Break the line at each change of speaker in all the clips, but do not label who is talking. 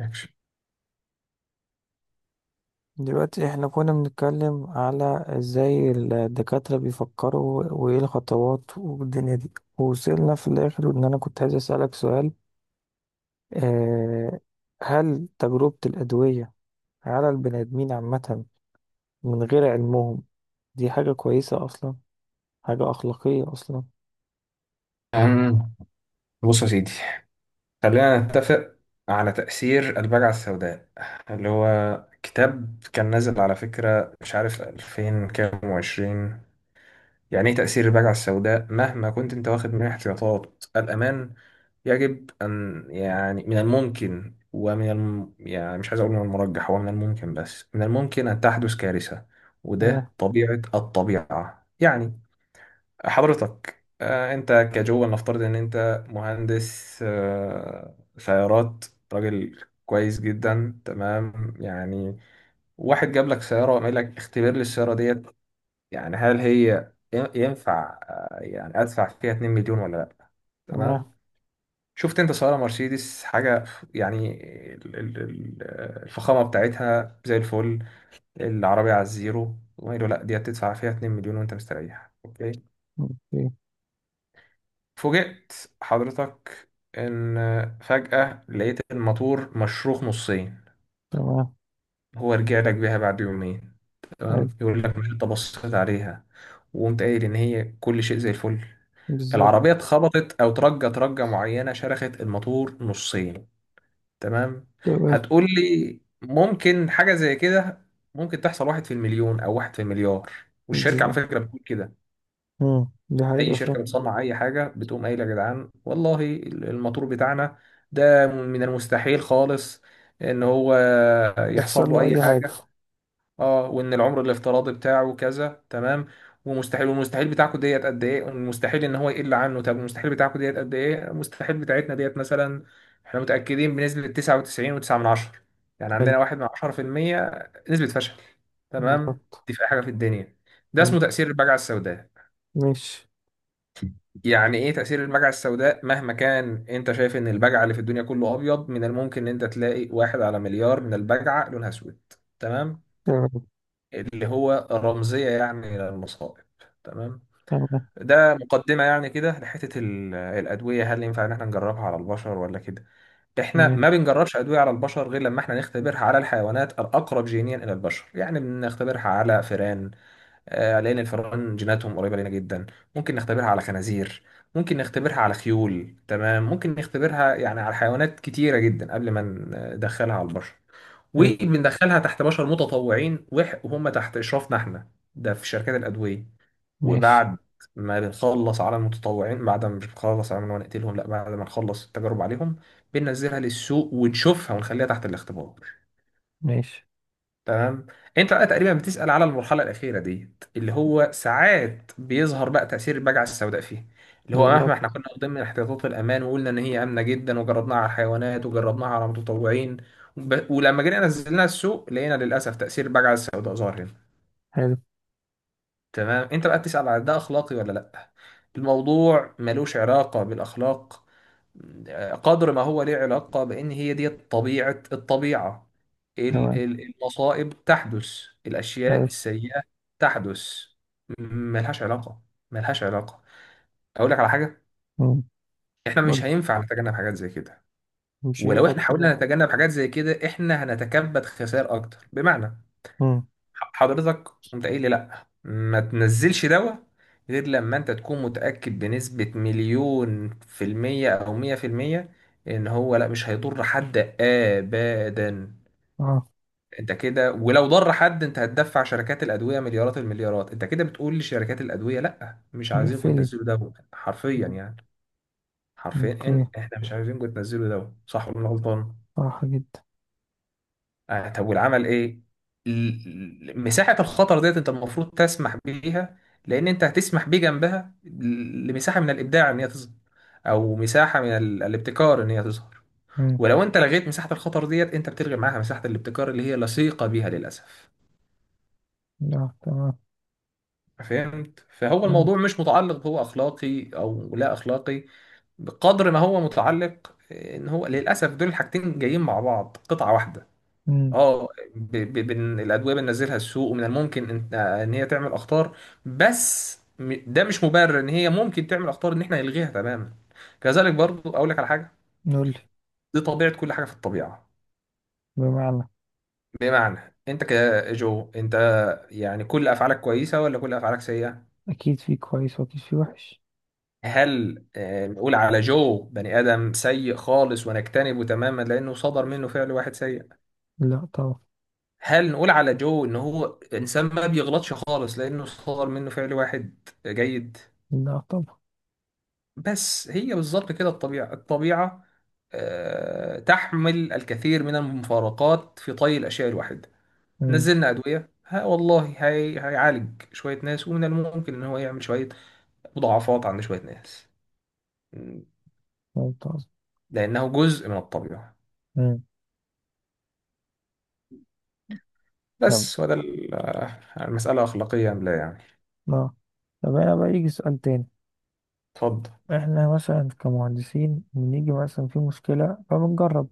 أكشن.
دلوقتي احنا كنا بنتكلم على ازاي الدكاترة بيفكروا وايه الخطوات والدنيا دي، ووصلنا في الاخر ان انا كنت عايز اسألك سؤال. آه. هل تجربة الأدوية على البني آدمين عامة، من غير علمهم، دي حاجة كويسة أصلا؟ حاجة أخلاقية أصلا؟
أم، بص يا سيدي، خلينا نتفق على تأثير البجعة السوداء اللي هو كتاب كان نازل، على فكرة مش عارف 2000 كام وعشرين. يعني ايه تأثير البجعة السوداء؟ مهما كنت انت واخد من احتياطات الأمان، يجب أن يعني من الممكن يعني مش عايز أقول من المرجح، هو من الممكن، بس من الممكن أن تحدث كارثة. وده
آه.
طبيعة الطبيعة يعني. حضرتك انت كجو نفترض ان انت مهندس سيارات، راجل كويس جدا، تمام يعني. واحد جاب لك سيارة وقال لك اختبر لي السيارة ديت، يعني هل هي ينفع يعني ادفع فيها 2 مليون ولا لا؟
تمام.
تمام. شفت انت سيارة مرسيدس حاجة يعني، الفخامة بتاعتها زي الفل. العربية على الزيرو، وقالوا لا دي هتدفع فيها 2 مليون وانت مستريح، اوكي.
أوكي.
فوجئت حضرتك إن فجأة لقيت الماتور مشروخ نصين.
تمام.
هو رجع لك بيها بعد يومين
حلو.
تمام، يقول لك مش أنت بصيت عليها وقمت قايل إن هي كل شيء زي الفل.
بالظبط.
العربية اتخبطت أو ترجت رجة معينة، شرخت الماتور نصين. تمام.
تمام.
هتقول لي ممكن حاجة زي كده؟ ممكن تحصل واحد في المليون أو واحد في المليار. والشركة على
بالظبط.
فكرة بتقول كده.
مم، دي
اي
حقيقة
شركه
فعلا.
بتصنع اي حاجه بتقوم قايله، يا جدعان والله الموتور بتاعنا ده من المستحيل خالص ان هو يحصل
يحصل
له
له
اي
أي حاجة.
حاجه. اه، وان العمر الافتراضي بتاعه كذا، تمام. ومستحيل. والمستحيل بتاعكم ديت قد ايه؟ والمستحيل ان هو يقل عنه. طب المستحيل بتاعكم ديت قد ايه؟ المستحيل بتاعتنا ديت مثلا احنا متاكدين بنسبه 99.9 من عشرة، يعني
حلو.
عندنا واحد من 10% نسبه فشل. تمام.
بالظبط.
دي في اي حاجه في الدنيا. ده
حلو.
اسمه تاثير البجعه السوداء.
ماشي.
يعني ايه تأثير البجعة السوداء؟ مهما كان انت شايف ان البجعة اللي في الدنيا كله ابيض، من الممكن ان انت تلاقي واحد على مليار من البجعة لونها اسود. تمام.
تمام.
اللي هو رمزية يعني للمصائب. تمام.
تمام.
ده مقدمة يعني كده لحتة الأدوية. هل ينفع إن إحنا نجربها على البشر ولا كده؟ إحنا ما
ماشي.
بنجربش أدوية على البشر غير لما إحنا نختبرها على الحيوانات الأقرب جينيا إلى البشر، يعني بنختبرها على فئران. لأن الفئران جيناتهم قريبة لنا جدا. ممكن نختبرها على خنازير، ممكن نختبرها على خيول، تمام، ممكن نختبرها يعني على حيوانات كتيرة جدا قبل ما ندخلها على البشر.
حلو.
وبندخلها تحت بشر متطوعين، وهم تحت إشرافنا احنا، ده في شركات الأدوية.
ماشي.
وبعد ما بنخلص على المتطوعين، بعد ما مش بنخلص على ما نقتلهم لا، بعد ما نخلص التجارب عليهم، بننزلها للسوق ونشوفها ونخليها تحت الاختبار.
ماشي.
تمام. انت بقى تقريبا بتسأل على المرحلة الأخيرة ديت اللي هو ساعات بيظهر بقى تأثير البجعة السوداء فيه. اللي هو مهما احنا
بالظبط.
كنا ضمن احتياطات الأمان وقلنا إن هي آمنة جدا وجربناها على الحيوانات وجربناها على المتطوعين، ولما جينا نزلناها السوق، لقينا للأسف تأثير البجعة السوداء ظاهر هنا.
حلو.
تمام. انت بقى بتسأل على ده اخلاقي ولا لا. الموضوع ملوش علاقة بالاخلاق قدر ما هو ليه علاقة بان هي دي طبيعة الطبيعة.
تمام.
المصائب تحدث، الاشياء
حلو.
السيئة تحدث، م- ملهاش علاقة، ملهاش علاقة. اقول لك على حاجة،
مم.
احنا
قول.
مش هينفع نتجنب حاجات زي كده.
مش
ولو
هينفع
احنا
تقول.
حاولنا نتجنب حاجات زي كده، احنا هنتكبد خسائر اكتر. بمعنى
مم.
حضرتك قمت قايل لي لا ما تنزلش دواء غير لما انت تكون متأكد بنسبة مليون في المية او مية في المية ان هو لا مش هيضر حد ابدا.
اه.
انت كده ولو ضر حد، انت هتدفع شركات الادوية مليارات المليارات. انت كده بتقول لشركات الادوية لا مش عايزينكم
مقفلي.
تنزلوا دواء حرفيا
مم.
يعني. حرفيا
اوكي.
احنا مش عايزينكم تنزلوا دواء. صح ولا أنا غلطان؟
صح جدا.
آه. طب والعمل ايه؟ مساحة الخطر ديت انت المفروض تسمح بيها. لان انت هتسمح بيه جنبها لمساحة من الابداع ان هي تظهر، او مساحة من الابتكار ان هي تظهر.
مم.
ولو انت لغيت مساحة الخطر ديت، انت بتلغي معاها مساحة الابتكار اللي هي لصيقة بيها للاسف.
لا، تمام.
فهمت. فهو
فهمت.
الموضوع مش متعلق بهو اخلاقي او لا اخلاقي بقدر ما هو متعلق ان هو للاسف دول الحاجتين جايين مع بعض قطعة واحدة.
مم.
اه. الادويه بننزلها السوق، ومن الممكن إن هي تعمل اخطار. بس ده مش مبرر ان هي ممكن تعمل اخطار ان احنا نلغيها تماما. كذلك برضو اقول لك على حاجه.
نقول لي.
دي طبيعه كل حاجه في الطبيعه.
بمعنى.
بمعنى انت كجو انت، يعني كل افعالك كويسه ولا كل افعالك سيئه؟
اكيد في كويس واكيد في وحش.
هل نقول على جو بني ادم سيء خالص ونجتنبه تماما لانه صدر منه فعل واحد سيء؟
لا طبعا.
هل نقول على جو ان هو انسان ما بيغلطش خالص لانه صدر منه فعل واحد جيد؟
لا طبعا.
بس هي بالظبط كده الطبيعة. الطبيعة تحمل الكثير من المفارقات في طي الأشياء الواحدة.
مم.
نزلنا أدوية، ها والله هي هيعالج شوية ناس ومن الممكن إن هو يعمل شوية مضاعفات عند شوية ناس. م،
ممتاز.
لأنه جزء من الطبيعة.
مم. يلا.
بس وده المسألة أخلاقية أم لا يعني.
لا. طب انا بقى يجي سؤال تاني.
اتفضل.
احنا مثلا كمهندسين بنيجي مثلا في مشكلة فبنجرب.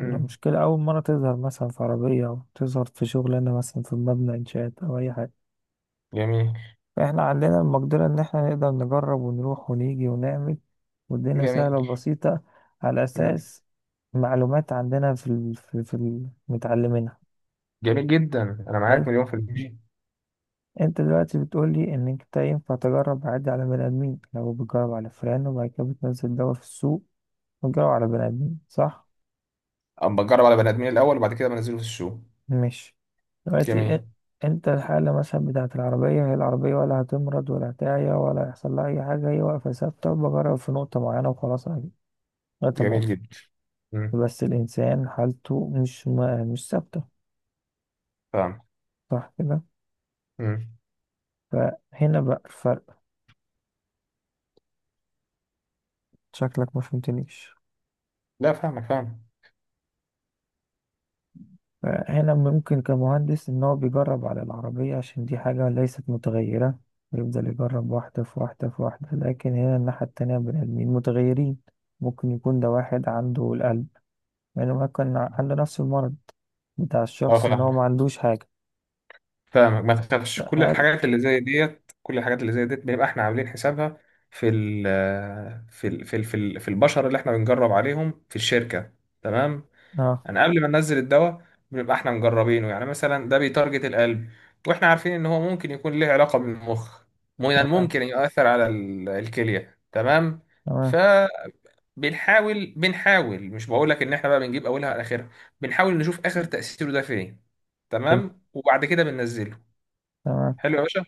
مم.
المشكلة أول مرة تظهر مثلا في عربية، أو تظهر في شغلانة مثلا في مبنى إنشاءات أو أي حاجة.
جميل.
فإحنا عندنا المقدرة إن إحنا نقدر نجرب ونروح ونيجي ونعمل، والدنيا
جميل.
سهلة وبسيطة، على
مم.
أساس معلومات عندنا في ال... في, في ال... متعلمينها.
جميل جدا، أنا
حلو.
معاك مليون في المية.
أنت دلوقتي بتقولي إن أنت ينفع تجرب عادي على بني آدمين لو بتجرب على فئران، وبعد كده بتنزل دواء في السوق وتجرب على بني آدمين، صح؟
أما أجرب على بني آدمين الأول وبعد كده بنزله في السوق.
مش دلوقتي إ-
جميل.
انت الحالة مثلا بتاعة العربية، هي العربية ولا هتمرض ولا هتعيا ولا هيحصل لها أي حاجة، هي واقفة ثابتة، وبجرب في نقطة معينة وخلاص عادي لغاية ما
جميل
أوصل.
جدا. مم.
بس الإنسان حالته مش ثابتة،
فاهم.
صح كده؟
مم.
فهنا بقى الفرق. شكلك ما فهمتنيش.
لا فاهمك، فاهم.
فهنا ممكن كمهندس إن هو بيجرب على العربية عشان دي حاجة ليست متغيرة، يفضل يجرب واحدة في واحدة في واحدة، لكن هنا الناحية التانية، بني آدمين متغيرين. ممكن يكون ده واحد عنده القلب، يعني ما كان عنده نفس المرض بتاع
اه
الشخص ان هو ما
فاهمك.
عندوش حاجة.
فاهمك ما تخافش، كل
هل.
الحاجات اللي زي ديت كل الحاجات اللي زي ديت بيبقى احنا عاملين حسابها في ال في البشر اللي احنا بنجرب عليهم في الشركة. تمام.
اه.
انا قبل ما ننزل الدواء، بنبقى احنا مجربينه، يعني مثلا ده بيتارجت القلب، واحنا عارفين ان هو ممكن يكون ليه علاقة بالمخ، من
تمام.
الممكن يؤثر على الكلية تمام.
تمام.
فبنحاول، بنحاول مش بقول لك ان احنا بقى بنجيب اولها على اخرها، بنحاول نشوف اخر تأثيره ده فين.
حلو.
تمام. وبعد كده بننزله.
تمام.
حلو يا باشا.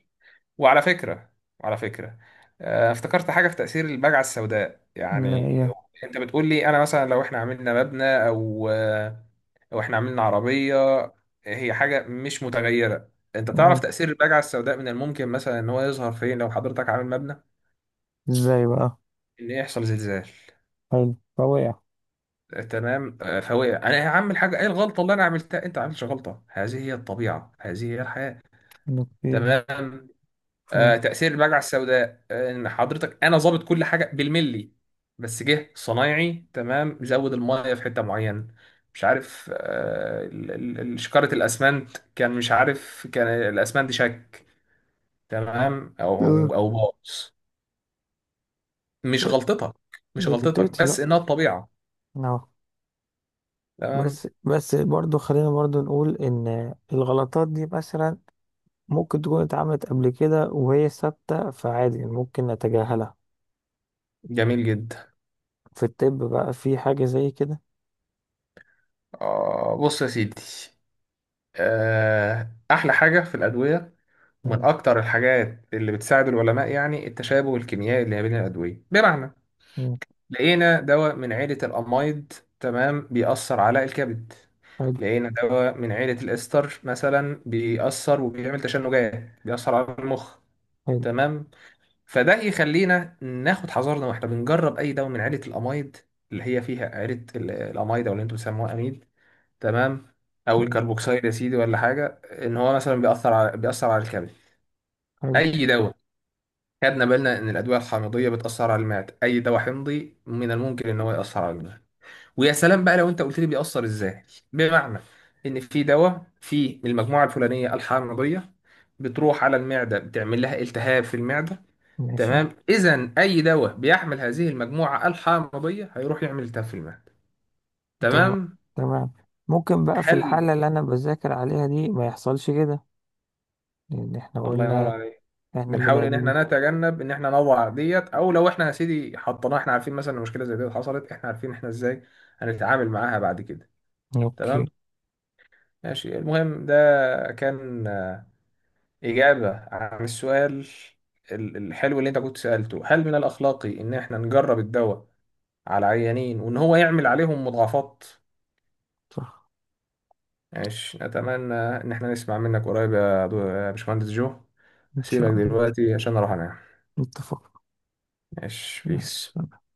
وعلى فكرة، وعلى فكرة افتكرت حاجة في تأثير البجعة السوداء
اللي
يعني.
هي.
انت بتقول لي انا مثلا لو احنا عملنا مبنى او او احنا عملنا عربية هي حاجة مش متغيرة. انت تعرف
ايوه.
تأثير البجعة السوداء من الممكن مثلا ان هو يظهر فين لو حضرتك عامل مبنى؟
ازاي بقى؟
ان يحصل زلزال.
حلو فوقع.
تمام فهو يعني انا هعمل حاجه ايه؟ الغلطه اللي انا عملتها؟ انت ما عملتش غلطه، هذه هي الطبيعه، هذه هي الحياه.
اوكي.
تمام.
فهمت.
تأثير المجرة السوداء إن حضرتك أنا ظابط كل حاجة بالملي، بس جه صنايعي تمام زود المية في حتة معينة، مش عارف شكارة الأسمنت كان مش عارف، كان الأسمنت شك تمام أو
آه.
أو أو باظ. مش غلطتك، مش غلطتك
غلطتي لا.
بس إنها الطبيعة.
اه.
تمام.
بس برضو، خلينا برضو نقول ان الغلطات دي مثلا ممكن تكون اتعملت قبل كده وهي ثابتة، فعادي ممكن نتجاهلها.
جميل جدا.
في الطب بقى في حاجة زي كده؟
آه بص يا سيدي، آه أحلى حاجة في الأدوية ومن
مم.
أكتر الحاجات اللي بتساعد العلماء يعني التشابه الكيميائي اللي ما بين الأدوية. بمعنى
مم.
لقينا دواء من عيلة الأمايد تمام بيأثر على الكبد.
حلو.
لقينا دواء من عيلة الإستر مثلا بيأثر وبيعمل تشنجات، بيأثر على المخ.
حلو.
تمام. فده يخلينا ناخد حذرنا واحنا بنجرب أي دواء من عيلة الأمايد اللي هي فيها عيلة الأمايد أو اللي أنتم بتسموها أميل. تمام. أو
مم.
الكربوكسيد يا سيدي ولا حاجة إن هو مثلا بيأثر على بيأثر على الكبد.
حلو.
أي دواء خدنا بالنا إن الأدوية الحامضية بتأثر على المعدة، أي دواء حمضي من الممكن إن هو يأثر على المعدة. ويا سلام بقى لو أنت قلت لي بيأثر إزاي. بمعنى إن في دواء في المجموعة الفلانية الحامضية بتروح على المعدة بتعمل لها التهاب في المعدة.
ماشي.
تمام. إذا أي دواء بيحمل هذه المجموعة الحامضية هيروح يعمل التهاب في المعدة.
تمام.
تمام.
تمام. ممكن بقى في
هل
الحالة اللي أنا بذاكر عليها دي ما يحصلش كده، لأن إحنا
الله ينور
قلنا
عليك.
إحنا بني
بنحاول ان
آدمين.
احنا نتجنب ان احنا نوع ديت، او لو احنا يا سيدي حطيناها احنا عارفين مثلا إن مشكله زي ديت حصلت احنا عارفين احنا ازاي هنتعامل معاها بعد كده. تمام.
أوكي.
ماشي، المهم ده كان اجابه عن السؤال الحلو اللي انت كنت سالته، هل من الاخلاقي ان احنا نجرب الدواء على عيانين وان هو يعمل عليهم مضاعفات.
صح.
ماشي اتمنى ان احنا نسمع منك قريب يا يا باشمهندس جو،
إن
هسيبك
شاء الله.
دلوقتي عشان اروح انام.
اتفقنا.
ماشي بيس.
نعم.